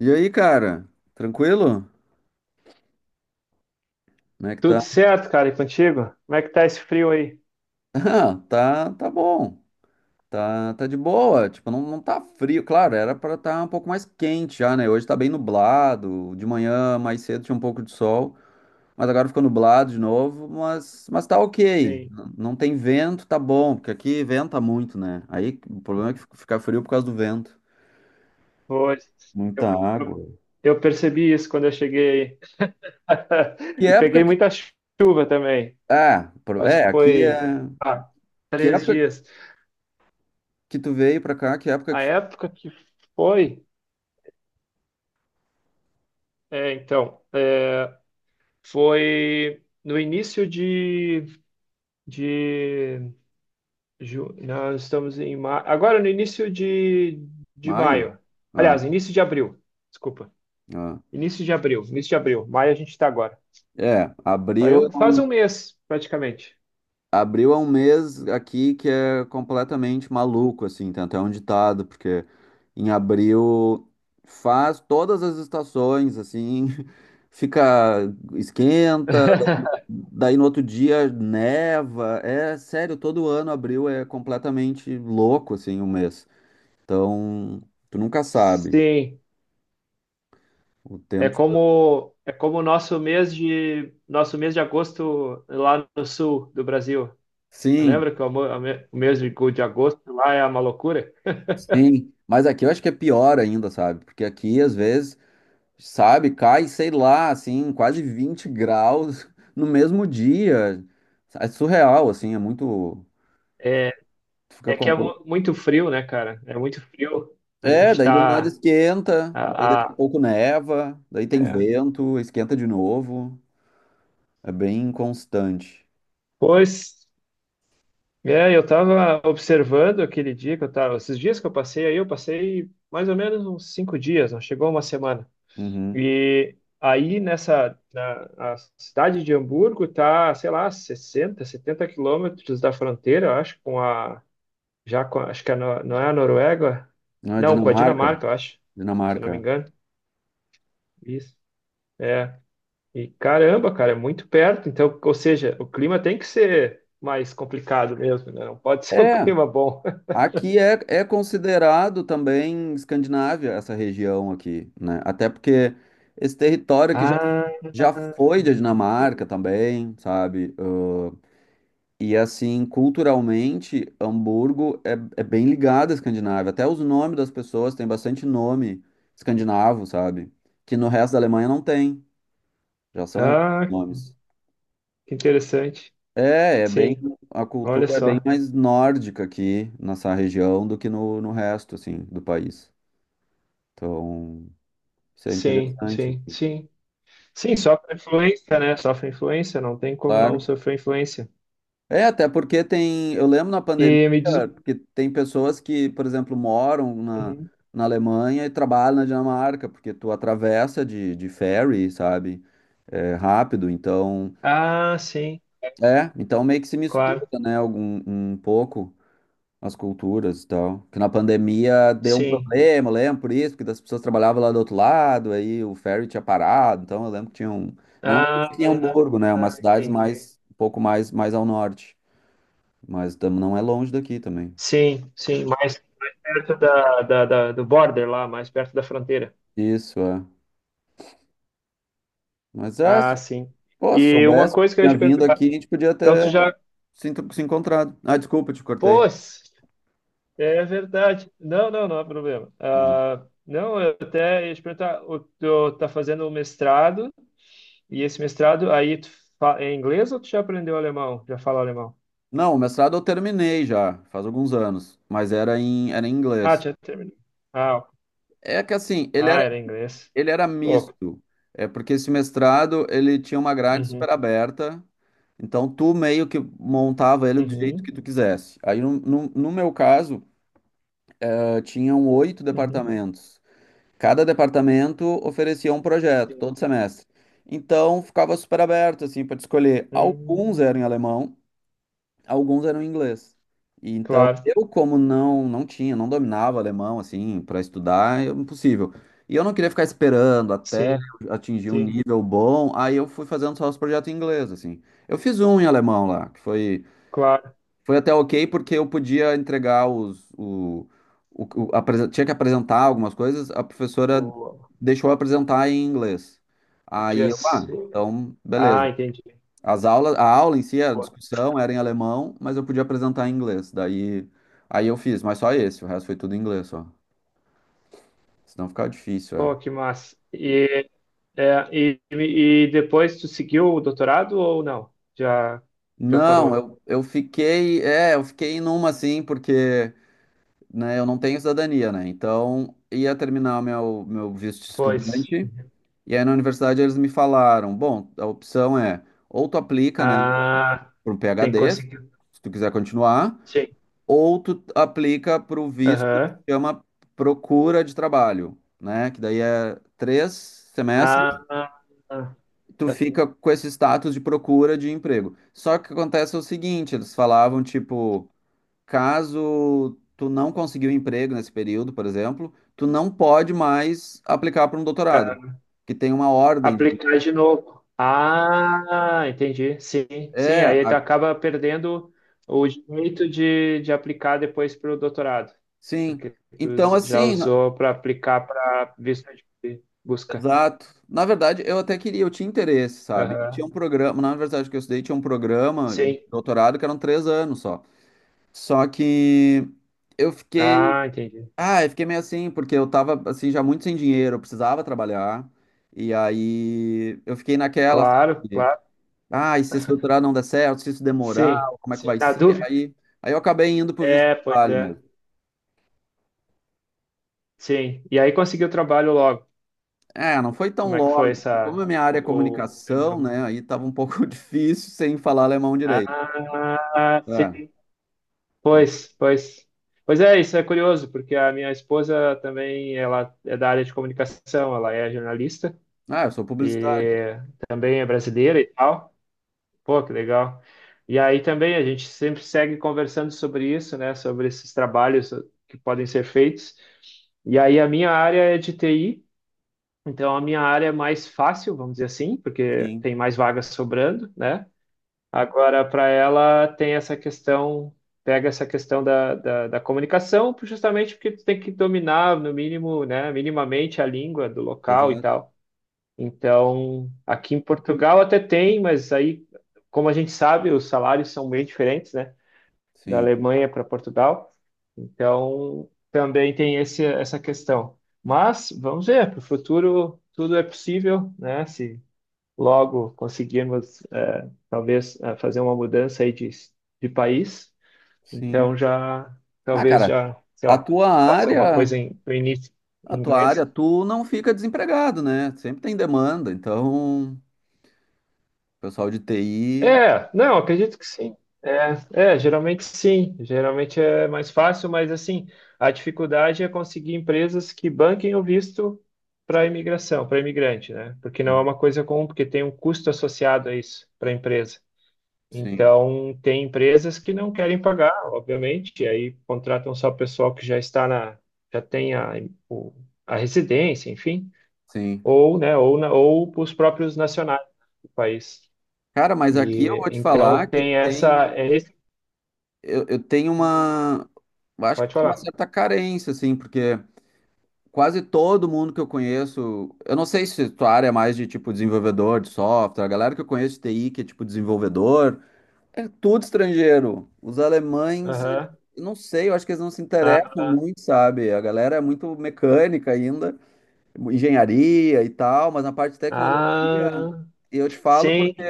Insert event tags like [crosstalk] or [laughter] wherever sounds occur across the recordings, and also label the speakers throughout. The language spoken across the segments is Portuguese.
Speaker 1: E aí, cara? Tranquilo? Como é que
Speaker 2: Tudo
Speaker 1: tá? [laughs]
Speaker 2: certo, cara, e contigo? Como é que tá esse frio aí?
Speaker 1: Ah, tá, tá bom. Tá, tá de boa. Tipo, não, não tá frio. Claro, era pra estar um pouco mais quente já, né? Hoje tá bem nublado. De manhã, mais cedo, tinha um pouco de sol. Mas agora ficou nublado de novo. Mas tá ok.
Speaker 2: Sim.
Speaker 1: Não tem vento, tá bom. Porque aqui venta muito, né? Aí o problema é que fica frio por causa do vento.
Speaker 2: Hoje. Eu,
Speaker 1: Muita água.
Speaker 2: eu, eu percebi isso quando eu cheguei aí. [laughs]
Speaker 1: Que
Speaker 2: E peguei
Speaker 1: época que.
Speaker 2: muita chuva também.
Speaker 1: Ah,
Speaker 2: Acho
Speaker 1: é,
Speaker 2: que
Speaker 1: aqui é.
Speaker 2: foi, ah,
Speaker 1: Que
Speaker 2: três
Speaker 1: época
Speaker 2: dias.
Speaker 1: que tu veio pra cá? Que época
Speaker 2: A
Speaker 1: que foi?
Speaker 2: época que foi, é, então, é, foi no início de ju- nós estamos em maio, agora no início de
Speaker 1: Maio?
Speaker 2: maio.
Speaker 1: Ah.
Speaker 2: Aliás, início de abril, desculpa.
Speaker 1: Ah.
Speaker 2: Início de abril, início de abril. Maio a gente está agora.
Speaker 1: É,
Speaker 2: Faz um mês, praticamente.
Speaker 1: abril é um mês aqui que é completamente maluco, assim, tem até um ditado, porque em abril faz todas as estações, assim, [laughs] fica, esquenta,
Speaker 2: [laughs]
Speaker 1: daí no outro dia neva, é sério, todo ano abril é completamente louco, assim, o mês. Então, tu nunca sabe,
Speaker 2: Sim,
Speaker 1: o tempo.
Speaker 2: é como o nosso mês de agosto lá no sul do Brasil.
Speaker 1: Sim,
Speaker 2: Lembra que o mo- o mês de agosto lá é uma loucura? [laughs]
Speaker 1: sim, mas aqui eu acho que é pior ainda, sabe, porque aqui às vezes sabe? Cai, sei lá, assim, quase 20 graus no mesmo dia. É surreal, assim, é muito.
Speaker 2: É,
Speaker 1: tu Fica
Speaker 2: é que é
Speaker 1: compl-
Speaker 2: mu- muito frio, né, cara? É muito frio. A
Speaker 1: É,
Speaker 2: gente
Speaker 1: daí do nada
Speaker 2: tá.
Speaker 1: esquenta, daí daqui a
Speaker 2: A-
Speaker 1: pouco neva, daí tem
Speaker 2: é.
Speaker 1: vento, esquenta de novo. É bem constante.
Speaker 2: Pois. É, eu estava observando aquele dia que eu tava, esses dias que eu passei aí, eu passei mais ou menos uns cinco dias, não chegou uma semana.
Speaker 1: Uhum.
Speaker 2: E aí a cidade de Hamburgo tá, sei lá, 60, 70 quilômetros da fronteira, eu acho, com a, já com, a- acho que no- não é a Noruega,
Speaker 1: Na
Speaker 2: não, com a
Speaker 1: Dinamarca,
Speaker 2: Dinamarca, eu acho, se eu não me
Speaker 1: Dinamarca.
Speaker 2: engano. Isso. É, e caramba, cara, é muito perto, então, ou seja, o clima tem que ser mais complicado mesmo, né? Não pode [laughs] ser um
Speaker 1: É,
Speaker 2: clima bom.
Speaker 1: aqui é, considerado também Escandinávia essa região aqui, né? Até porque esse território aqui
Speaker 2: Ah,
Speaker 1: já foi da Dinamarca também, sabe? E assim, culturalmente, Hamburgo é bem ligado à Escandinávia. Até os nomes das pessoas têm bastante nome escandinavo, sabe? Que no resto da Alemanha não tem. Já são outros
Speaker 2: ah,
Speaker 1: nomes.
Speaker 2: que interessante.
Speaker 1: É, é bem.
Speaker 2: Sim,
Speaker 1: A
Speaker 2: olha
Speaker 1: cultura é bem
Speaker 2: só.
Speaker 1: mais nórdica aqui nessa região do que no, resto, assim, do país. Então, isso é
Speaker 2: Sim,
Speaker 1: interessante,
Speaker 2: sim,
Speaker 1: assim.
Speaker 2: sim. Sim, sofre influência, né? Sofre influência, não tem como não
Speaker 1: Claro.
Speaker 2: sofrer influência.
Speaker 1: É, até porque tem. Eu lembro na pandemia
Speaker 2: E me diz um.
Speaker 1: que tem pessoas que, por exemplo, moram na,
Speaker 2: Uhum.
Speaker 1: na Alemanha e trabalham na Dinamarca, porque tu atravessa de ferry, sabe? É, rápido. Então,
Speaker 2: Ah, sim,
Speaker 1: é, então meio que se mistura,
Speaker 2: claro.
Speaker 1: né? Algum, um pouco as culturas e tal. Que na pandemia deu um
Speaker 2: Sim.
Speaker 1: problema, eu lembro por isso, porque das pessoas trabalhavam lá do outro lado, aí o ferry tinha parado. Então eu lembro que tinha um. Não é que
Speaker 2: Ah,
Speaker 1: tinha Hamburgo, né? é
Speaker 2: ah,
Speaker 1: umas cidades
Speaker 2: entendi.
Speaker 1: mais, um pouco mais, mais ao norte. Mas não é longe daqui também.
Speaker 2: Sim, sim, mais perto do border lá, mais perto da fronteira.
Speaker 1: Isso, é. Mas, ah, se,
Speaker 2: Ah, sim.
Speaker 1: pô, se
Speaker 2: E uma
Speaker 1: soubesse,
Speaker 2: coisa que eu ia
Speaker 1: tinha
Speaker 2: te
Speaker 1: vindo
Speaker 2: perguntar,
Speaker 1: aqui, a gente podia
Speaker 2: então tu
Speaker 1: ter
Speaker 2: já,
Speaker 1: se encontrado. Ah, desculpa, te cortei.
Speaker 2: pô, é verdade. Não, não, não há problema.
Speaker 1: Uhum.
Speaker 2: Ah, não, eu até ia te perguntar, o- tu tá fazendo o mestrado, e esse mestrado aí tu fa- é inglês ou tu já aprendeu alemão? Já fala alemão?
Speaker 1: Não, o mestrado eu terminei já, faz alguns anos, mas era em
Speaker 2: Ah,
Speaker 1: inglês.
Speaker 2: já terminou. Ah, ok.
Speaker 1: É que assim, ele era,
Speaker 2: Ah, era inglês.
Speaker 1: ele era
Speaker 2: Pô,
Speaker 1: misto. É porque esse mestrado, ele tinha uma grade
Speaker 2: uhum,
Speaker 1: super aberta, então tu meio que montava ele do jeito que
Speaker 2: uhum,
Speaker 1: tu quisesse. Aí, no meu caso, tinham oito
Speaker 2: uhum.
Speaker 1: departamentos. Cada departamento oferecia um projeto
Speaker 2: Sim.
Speaker 1: todo semestre. Então ficava super aberto assim para escolher. Alguns
Speaker 2: Hum,
Speaker 1: eram em alemão, alguns eram em inglês. E então
Speaker 2: claro,
Speaker 1: eu como não tinha, não dominava alemão assim para estudar, é impossível. E eu não queria ficar esperando até
Speaker 2: sim,
Speaker 1: eu atingir um
Speaker 2: sim,
Speaker 1: nível bom. Aí eu fui fazendo só os projetos em inglês assim. Eu fiz um em alemão lá, que foi
Speaker 2: claro.
Speaker 1: foi até ok porque eu podia entregar os, o, o- apresen- tinha que apresentar algumas coisas, a professora
Speaker 2: Pô,
Speaker 1: deixou eu apresentar em inglês. Aí
Speaker 2: podia
Speaker 1: eu,
Speaker 2: ser.
Speaker 1: então,
Speaker 2: Ah,
Speaker 1: beleza.
Speaker 2: entendi.
Speaker 1: As aulas, a aula em si, a
Speaker 2: Pô,
Speaker 1: discussão era em alemão, mas eu podia apresentar em inglês. Daí, aí eu fiz, mas só esse, o resto foi tudo em inglês, só. Senão ficava difícil, é.
Speaker 2: pô, que massa. É, e depois tu seguiu o doutorado ou não? Já, já
Speaker 1: Não,
Speaker 2: parou?
Speaker 1: eu fiquei numa assim, porque, né, eu não tenho cidadania, né? Então, ia terminar o meu visto de
Speaker 2: Pois.
Speaker 1: estudante. E aí na universidade eles me falaram, bom, a opção é ou tu aplica, né,
Speaker 2: Ah,
Speaker 1: para um
Speaker 2: tem que
Speaker 1: PhD, se
Speaker 2: conseguir.
Speaker 1: tu quiser continuar,
Speaker 2: Sim.
Speaker 1: ou tu aplica para o visto que
Speaker 2: Aham.
Speaker 1: chama procura de trabalho, né? Que daí é 3 semestres,
Speaker 2: Ah, ah,
Speaker 1: tu fica com esse status de procura de emprego. Só que o que acontece é o seguinte, eles falavam, tipo, caso tu não conseguiu emprego nesse período, por exemplo, tu não pode mais aplicar para um doutorado,
Speaker 2: ah.
Speaker 1: que tem uma ordem de.
Speaker 2: Aplicar de novo. Ah, entendi. Sim, sim.
Speaker 1: É,
Speaker 2: Aí tu acaba perdendo o direito de aplicar depois para o doutorado,
Speaker 1: sim.
Speaker 2: porque tu
Speaker 1: Então,
Speaker 2: já
Speaker 1: assim,
Speaker 2: usou para aplicar para visto de busca.
Speaker 1: exato. Na verdade, eu até queria, eu tinha interesse, sabe? E tinha um
Speaker 2: Aham.
Speaker 1: programa, na universidade que eu estudei, tinha um programa de
Speaker 2: Sim.
Speaker 1: doutorado que eram 3 anos só. Só que eu fiquei,
Speaker 2: Ah, entendi.
Speaker 1: eu fiquei meio assim, porque eu tava, assim, já muito sem dinheiro, eu precisava trabalhar. E aí eu fiquei naquela,
Speaker 2: Claro,
Speaker 1: sabe?
Speaker 2: claro.
Speaker 1: Ah, e se esse doutorado não der certo, se isso demorar,
Speaker 2: Sim,
Speaker 1: como é que
Speaker 2: sim,
Speaker 1: vai
Speaker 2: na
Speaker 1: ser?
Speaker 2: dúvida.
Speaker 1: Aí eu acabei indo pro visto de
Speaker 2: É, pois
Speaker 1: trabalho.
Speaker 2: é. Sim. E aí conseguiu trabalho logo.
Speaker 1: É, não foi tão
Speaker 2: Como é que foi
Speaker 1: logo, porque como
Speaker 2: essa.
Speaker 1: a minha área é
Speaker 2: Ou demorou
Speaker 1: comunicação,
Speaker 2: muito?
Speaker 1: né? Aí tava um pouco [laughs] difícil sem falar alemão direito.
Speaker 2: Ah,
Speaker 1: É.
Speaker 2: sim. Pois, pois. Pois é, isso é curioso, porque a minha esposa também, ela é da área de comunicação, ela é jornalista
Speaker 1: Ah, eu sou
Speaker 2: e
Speaker 1: publicitário.
Speaker 2: também é brasileira e tal. Pô, que legal. E aí também a gente sempre segue conversando sobre isso, né, sobre esses trabalhos que podem ser feitos. E aí a minha área é de TI. Então, a minha área é mais fácil, vamos dizer assim, porque
Speaker 1: Sim,
Speaker 2: tem mais vagas sobrando, né? Agora, para ela, tem essa questão, pega essa questão da comunicação, por- justamente porque tu tem que dominar, no mínimo, né, minimamente a língua do local e
Speaker 1: exato.
Speaker 2: tal. Então, aqui em Portugal até tem, mas aí, como a gente sabe, os salários são bem diferentes, né? Da
Speaker 1: Sim,
Speaker 2: Alemanha para Portugal. Então, também tem esse, essa questão. Mas vamos ver, para o futuro tudo é possível, né? Se logo conseguirmos, talvez, fazer uma mudança aí de país,
Speaker 1: sim.
Speaker 2: então já,
Speaker 1: Ah,
Speaker 2: talvez
Speaker 1: cara,
Speaker 2: já, sei
Speaker 1: a
Speaker 2: lá,
Speaker 1: tua
Speaker 2: faça uma
Speaker 1: área,
Speaker 2: coisa em, no início
Speaker 1: a
Speaker 2: em
Speaker 1: tua área,
Speaker 2: inglês.
Speaker 1: tu não fica desempregado, né? Sempre tem demanda. Então, pessoal de TI,
Speaker 2: É, não, acredito que sim. É, é, geralmente sim. Geralmente é mais fácil, mas assim, a dificuldade é conseguir empresas que banquem o visto para imigração, para imigrante, né? Porque não é uma coisa comum, porque tem um custo associado a isso para a empresa.
Speaker 1: sim,
Speaker 2: Então, tem empresas que não querem pagar, obviamente, e aí contratam só o pessoal que já está já tem o- a residência, enfim,
Speaker 1: sim.
Speaker 2: ou, né, ou os próprios nacionais do país.
Speaker 1: Cara, mas aqui eu
Speaker 2: E
Speaker 1: vou te falar
Speaker 2: então
Speaker 1: que
Speaker 2: tem
Speaker 1: tem,
Speaker 2: essa. É esse-
Speaker 1: eu tenho uma, eu acho que
Speaker 2: pode
Speaker 1: tem uma
Speaker 2: falar.
Speaker 1: certa carência, assim, porque quase todo mundo que eu conheço, eu não sei se tua área é mais de tipo desenvolvedor de software, a galera que eu conheço de TI, que é tipo desenvolvedor, é tudo estrangeiro. Os alemães,
Speaker 2: Aham.
Speaker 1: eu não sei, eu acho que eles não se interessam
Speaker 2: Ah,
Speaker 1: muito, sabe? A galera é muito mecânica ainda, engenharia e tal, mas na parte de tecnologia,
Speaker 2: ah,
Speaker 1: eu te falo porque
Speaker 2: sim,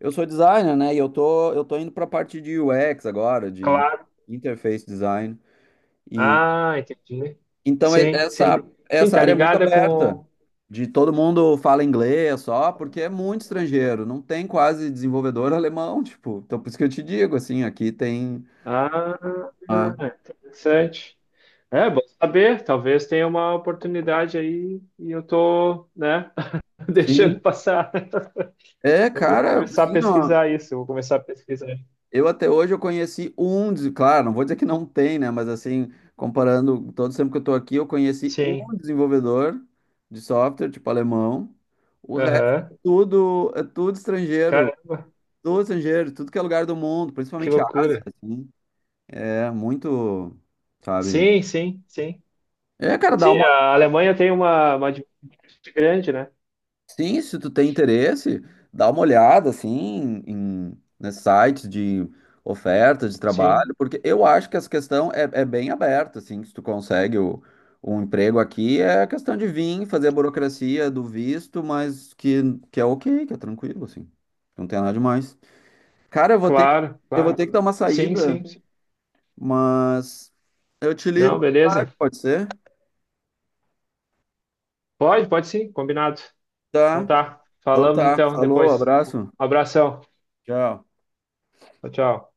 Speaker 1: eu sou designer, né? E eu tô indo pra parte de UX agora, de
Speaker 2: claro.
Speaker 1: interface design.
Speaker 2: Ah, entendi.
Speaker 1: Então, e-
Speaker 2: Sim, sim.
Speaker 1: essa,
Speaker 2: Sim,
Speaker 1: essa
Speaker 2: tá
Speaker 1: área é muito
Speaker 2: ligada
Speaker 1: aberta,
Speaker 2: com.
Speaker 1: de todo mundo fala inglês só, porque é muito estrangeiro, não tem quase desenvolvedor alemão, tipo, então por isso que eu te digo, assim, aqui tem,
Speaker 2: Ah,
Speaker 1: ah,
Speaker 2: interessante. É, bom saber. Talvez tenha uma oportunidade aí e eu tô, né, [laughs] deixando
Speaker 1: sim,
Speaker 2: passar.
Speaker 1: é,
Speaker 2: Eu vou
Speaker 1: cara,
Speaker 2: começar a
Speaker 1: assim, ó,
Speaker 2: pesquisar isso. Eu vou começar a pesquisar.
Speaker 1: eu até hoje eu conheci um, claro, não vou dizer que não tem, né, mas assim, comparando todo o tempo que eu tô aqui, eu conheci um
Speaker 2: Sim.
Speaker 1: desenvolvedor de software, tipo, alemão, o resto
Speaker 2: Aham.
Speaker 1: é tudo estrangeiro,
Speaker 2: Caramba,
Speaker 1: do estrangeiro, tudo que é lugar do mundo,
Speaker 2: que
Speaker 1: principalmente a Ásia,
Speaker 2: loucura.
Speaker 1: assim, é muito, sabe?
Speaker 2: Sim, sim, sim.
Speaker 1: É, cara, dá
Speaker 2: Sim,
Speaker 1: uma olhada,
Speaker 2: a Alemanha tem uma diversidade grande, né?
Speaker 1: sim, se tu tem interesse, dá uma olhada, assim, em, nesses sites de ofertas de
Speaker 2: Sim,
Speaker 1: trabalho, porque eu acho que essa questão é bem aberta, assim, se tu consegue o, um emprego aqui, é a questão de vir, fazer a burocracia do visto, mas que é ok, que é tranquilo, assim, não tem nada demais. Cara, eu vou ter que,
Speaker 2: claro,
Speaker 1: eu vou
Speaker 2: claro.
Speaker 1: ter que dar uma
Speaker 2: Sim,
Speaker 1: saída.
Speaker 2: sim, sim.
Speaker 1: Mas eu te ligo
Speaker 2: Não,
Speaker 1: mais tarde,
Speaker 2: beleza.
Speaker 1: pode ser?
Speaker 2: Pode, pode sim, combinado. Então
Speaker 1: Tá.
Speaker 2: tá.
Speaker 1: Então
Speaker 2: Falamos
Speaker 1: tá.
Speaker 2: então
Speaker 1: Falou,
Speaker 2: depois. Um
Speaker 1: abraço.
Speaker 2: abração.
Speaker 1: Tchau.
Speaker 2: Tchau, tchau.